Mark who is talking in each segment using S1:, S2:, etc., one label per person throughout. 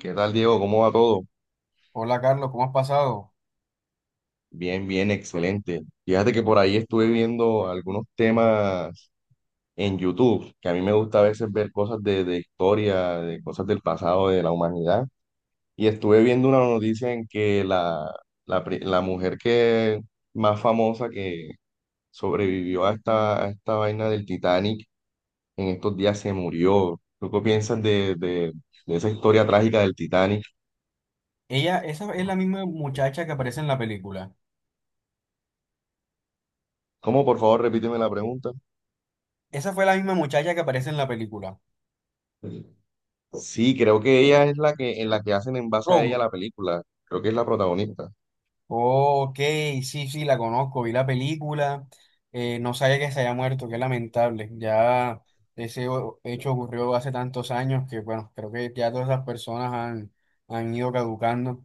S1: ¿Qué tal, Diego? ¿Cómo va todo?
S2: Hola Carlos, ¿cómo has pasado?
S1: Bien, bien, excelente. Fíjate que por ahí estuve viendo algunos temas en YouTube, que a mí me gusta a veces ver cosas de historia, de cosas del pasado, de la humanidad. Y estuve viendo una noticia en que la mujer que más famosa que sobrevivió a a esta vaina del Titanic, en estos días se murió. ¿Tú qué piensas de esa historia trágica del Titanic?
S2: Ella, esa es la misma muchacha que aparece en la película.
S1: ¿Cómo, por favor, repíteme la pregunta?
S2: Esa fue la misma muchacha que aparece en la película.
S1: Sí, creo que ella es en la que hacen en base a
S2: Rose.
S1: ella la película. Creo que es la protagonista.
S2: Ok, sí, sí, la conozco, vi la película. No sabía que se haya muerto, qué lamentable. Ya hecho ocurrió hace tantos años que, bueno, creo que ya todas esas personas han ido caducando.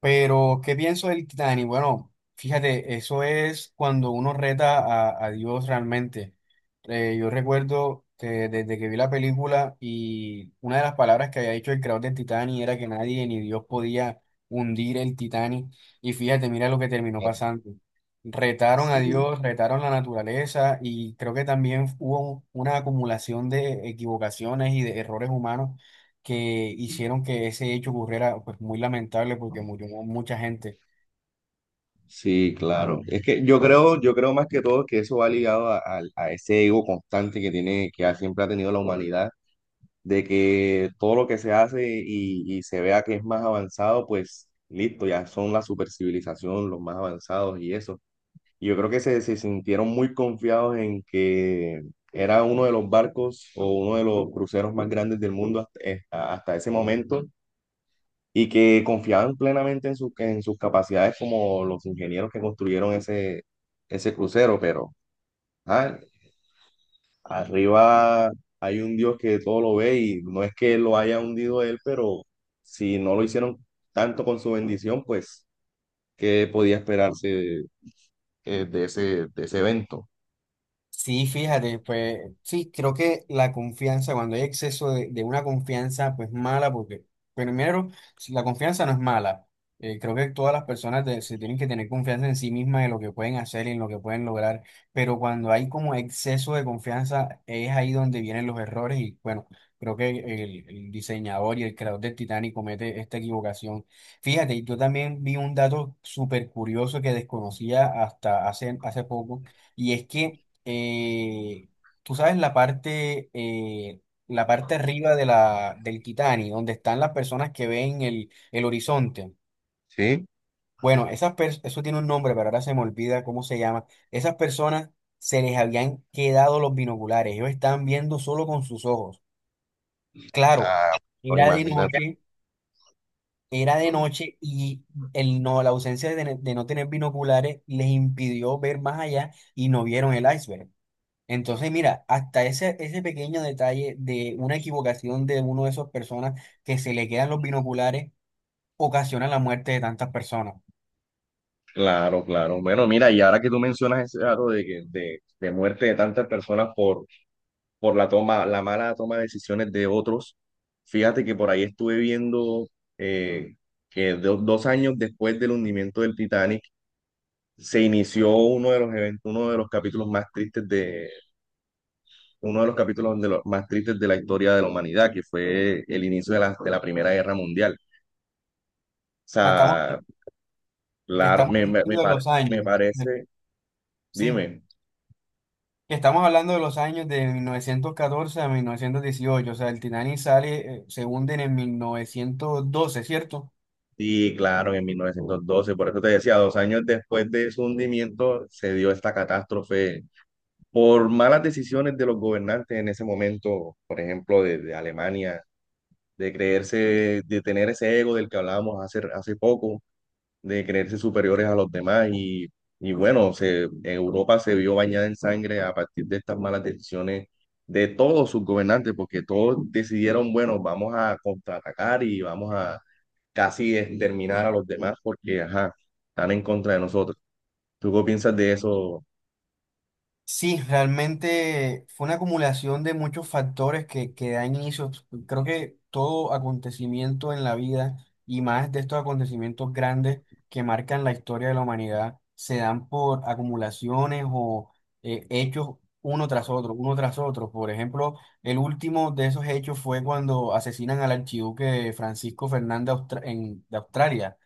S2: Pero, ¿qué pienso del Titanic? Bueno, fíjate, eso es cuando uno reta a Dios realmente. Yo recuerdo que desde que vi la película y una de las palabras que había dicho el creador del Titanic era que nadie ni Dios podía hundir el Titanic. Y fíjate, mira lo que terminó pasando. Retaron a
S1: Sí,
S2: Dios, retaron la naturaleza y creo que también hubo una acumulación de equivocaciones y de errores humanos que hicieron que ese hecho ocurriera, pues muy lamentable porque murió mucha gente.
S1: sí, claro. Es que yo creo más que todo que eso va ligado a ese ego constante que siempre ha tenido la humanidad, de que todo lo que se hace y se vea que es más avanzado, pues listo, ya son la supercivilización, los más avanzados y eso. Y yo creo que se sintieron muy confiados en que era uno de los barcos o uno de los cruceros más grandes del mundo hasta, hasta ese momento y que confiaban plenamente en sus capacidades como los ingenieros que construyeron ese crucero. Pero ah, arriba hay un Dios que todo lo ve y no es que lo haya hundido él, pero si no lo hicieron tanto con su bendición, pues, ¿qué podía esperarse de de ese evento?
S2: Sí, fíjate, pues sí, creo que la confianza, cuando hay exceso de una confianza, pues mala, porque primero, si la confianza no es mala, creo que todas las se tienen que tener confianza en sí mismas, en lo que pueden hacer y en lo que pueden lograr, pero cuando hay como exceso de confianza, es ahí donde vienen los errores y bueno, creo que el diseñador y el creador del Titanic comete esta equivocación. Fíjate, y yo también vi un dato súper curioso que desconocía hasta hace poco, y es que eh, tú sabes la parte, la parte arriba de la, del Kitani, donde están las personas que ven el horizonte.
S1: Sí.
S2: Bueno, eso tiene un nombre, pero ahora se me olvida cómo se llama. Esas personas se les habían quedado los binoculares, ellos estaban viendo solo con sus ojos. Claro,
S1: Ah, no,
S2: era de
S1: imagínate.
S2: noche, era de noche y el no, la ausencia de no tener binoculares les impidió ver más allá y no vieron el iceberg. Entonces, mira, hasta ese pequeño detalle de una equivocación de uno de esos personas que se le quedan los binoculares ocasiona la muerte de tantas personas. O
S1: Claro, claro. Bueno, mira, y ahora que tú mencionas ese dato de muerte de tantas personas por la mala toma de decisiones de otros, fíjate que por ahí estuve viendo eh, dos años después del hundimiento del Titanic se inició uno de los eventos, uno de los capítulos de los más tristes de la historia de la humanidad, que fue el inicio de de la Primera Guerra Mundial. O
S2: sea, estamos,
S1: sea, la,
S2: estamos
S1: me
S2: hablando de
S1: par-
S2: los
S1: me
S2: años, de-
S1: parece,
S2: sí,
S1: dime.
S2: que estamos hablando de los años de 1914 a 1918. O sea, el Titanic sale, se hunde en el 1912, ¿cierto?
S1: Sí, claro, en 1912. Por eso te decía, dos años después de su hundimiento se dio esta catástrofe por malas decisiones de los gobernantes en ese momento, por ejemplo, de Alemania, de tener ese ego del que hablábamos hace poco, de creerse superiores a los demás y bueno, se, Europa se vio bañada en sangre a partir de estas malas decisiones de todos sus gobernantes, porque todos decidieron, bueno, vamos a contraatacar y vamos a casi exterminar a los demás porque, ajá, están en contra de nosotros. ¿Tú qué piensas de eso?
S2: Sí, realmente fue una acumulación de muchos factores que dan inicio. Creo que todo acontecimiento en la vida y más de estos acontecimientos grandes que marcan la historia de la humanidad se dan por acumulaciones o hechos uno tras otro, uno tras otro. Por ejemplo, el último de esos hechos fue cuando asesinan al archiduque Francisco Fernández de Australia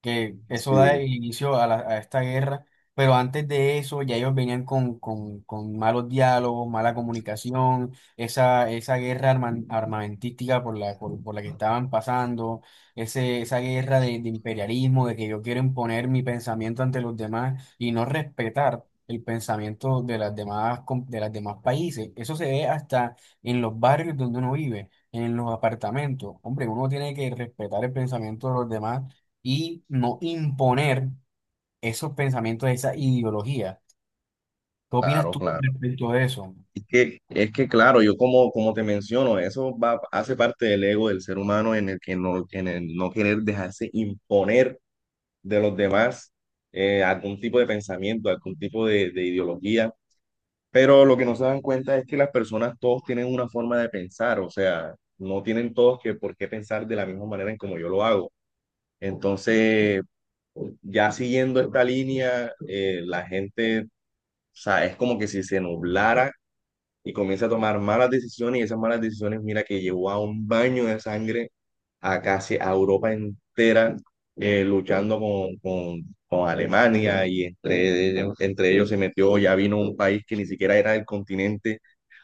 S2: que eso da
S1: Sí,
S2: inicio a esta guerra, pero antes de eso ya ellos venían con malos diálogos, mala comunicación, esa armamentística por por la que estaban pasando, esa guerra de imperialismo, de que yo quiero imponer mi pensamiento ante los demás y no respetar el pensamiento de las de las demás países. Eso se ve hasta en los barrios donde uno vive, en los apartamentos. Hombre, uno tiene que respetar el pensamiento de los demás y no imponer esos pensamientos, esa ideología. ¿Qué opinas
S1: claro,
S2: tú con
S1: claro.
S2: respecto a eso?
S1: Es que claro, yo como, como te menciono, eso va, hace parte del ego del ser humano en el que no, en el no querer dejarse imponer de los demás algún tipo de pensamiento, algún tipo de ideología. Pero lo que no se dan cuenta es que las personas todos tienen una forma de pensar, o sea, no tienen todos que por qué pensar de la misma manera en como yo lo hago. Entonces, ya siguiendo esta línea, la gente, o sea, es como que si se nublara y comienza a tomar malas decisiones y esas malas decisiones, mira, que llevó a un baño de sangre a casi a Europa entera luchando con Alemania y entre ellos se metió, ya vino un país que ni siquiera era del continente,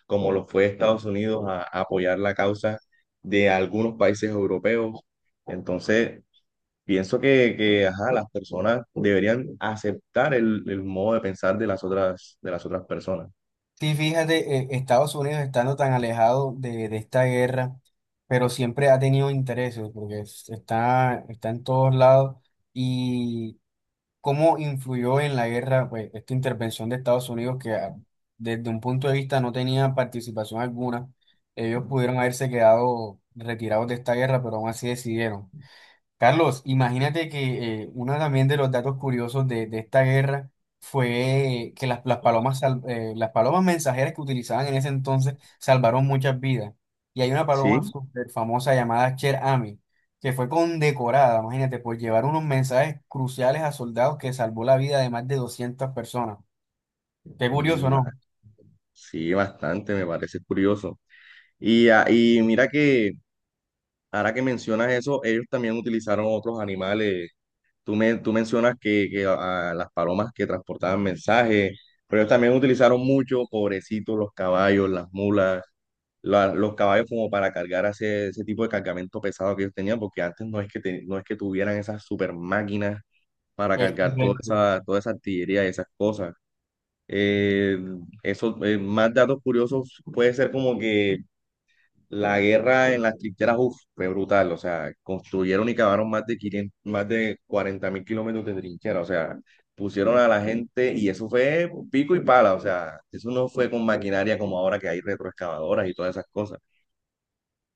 S1: como lo fue Estados Unidos, a apoyar la causa de algunos países europeos. Entonces, pienso que, ajá, las personas deberían aceptar el modo de pensar de las otras personas.
S2: Sí, fíjate, Estados Unidos estando tan alejado de esta guerra, pero siempre ha tenido intereses, porque está, está en todos lados. ¿Y cómo influyó en la guerra, pues, esta intervención de Estados Unidos desde un punto de vista no tenía participación alguna? Ellos pudieron haberse quedado retirados de esta guerra, pero aún así decidieron. Carlos, imagínate que uno también de los datos curiosos de esta guerra fue que las las palomas mensajeras que utilizaban en ese entonces salvaron muchas vidas. Y hay una paloma
S1: Sí,
S2: súper famosa llamada Cher Ami, que fue condecorada, imagínate, por llevar unos mensajes cruciales a soldados que salvó la vida de más de 200 personas. Qué
S1: ni
S2: curioso,
S1: más
S2: ¿no?
S1: sí, bastante, me parece curioso. Y, ah, y mira que ahora que mencionas eso, ellos también utilizaron otros animales. Tú mencionas que las palomas que transportaban mensajes, pero ellos también utilizaron mucho, pobrecitos, los caballos, las mulas. Los caballos como para cargar ese tipo de cargamento pesado que ellos tenían, porque antes no es no es que tuvieran esas super máquinas para
S2: Es
S1: cargar
S2: correcto.
S1: toda esa artillería y esas cosas. Eh, Más datos curiosos puede ser como que la guerra en las trincheras, uf, fue brutal, o sea, construyeron y cavaron más de 40.000 kilómetros de trinchera, o sea, pusieron a la gente y eso fue pico y pala, o sea, eso no fue con maquinaria como ahora que hay retroexcavadoras y todas esas cosas.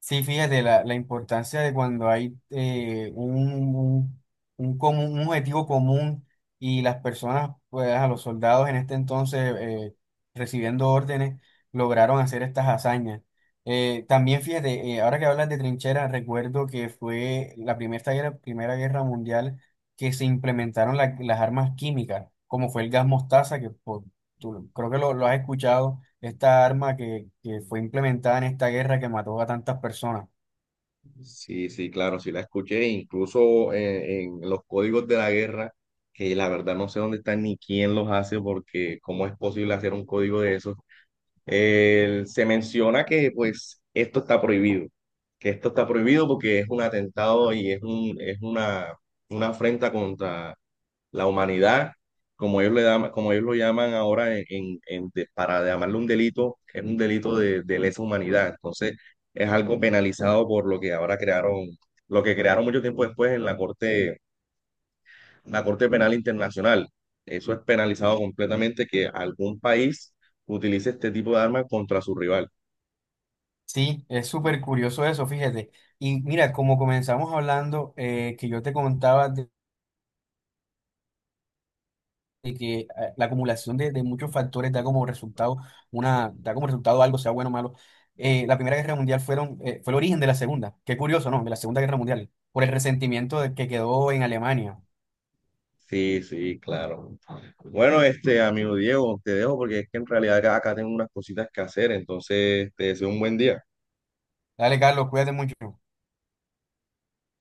S2: Sí, fíjate, la importancia de cuando hay un común, un objetivo común y las personas, pues a los soldados en este entonces recibiendo órdenes, lograron hacer estas hazañas. También fíjate, ahora que hablas de trincheras, recuerdo que fue la primera guerra mundial que se implementaron las armas químicas, como fue el gas mostaza, tú creo que lo has escuchado esta arma que fue implementada en esta guerra que mató a tantas personas.
S1: Sí, sí, claro, sí la escuché, incluso los códigos de la guerra, que la verdad no sé dónde están ni quién los hace, porque cómo es posible hacer un código de esos. El se menciona que pues esto está prohibido, que esto está prohibido porque es un atentado y es es una afrenta contra la humanidad, como como ellos lo llaman ahora para llamarlo un delito, es un delito de lesa humanidad. Entonces, es algo penalizado por lo que ahora crearon, lo que crearon mucho tiempo después en la Corte Penal Internacional. Eso es penalizado completamente que algún país utilice este tipo de armas contra su rival.
S2: Sí, es súper curioso eso, fíjate. Y mira, como comenzamos hablando, que yo te contaba de que la acumulación de muchos factores da como resultado da como resultado algo, sea bueno o malo. La Primera Guerra Mundial fue el origen de la Segunda. Qué curioso, ¿no? De la Segunda Guerra Mundial, por el resentimiento que quedó en Alemania.
S1: Sí, sí, claro. Bueno, este amigo Diego, te dejo porque es que en realidad acá tengo unas cositas que hacer, entonces te deseo un buen día.
S2: Dale, Carlos, cuídate mucho.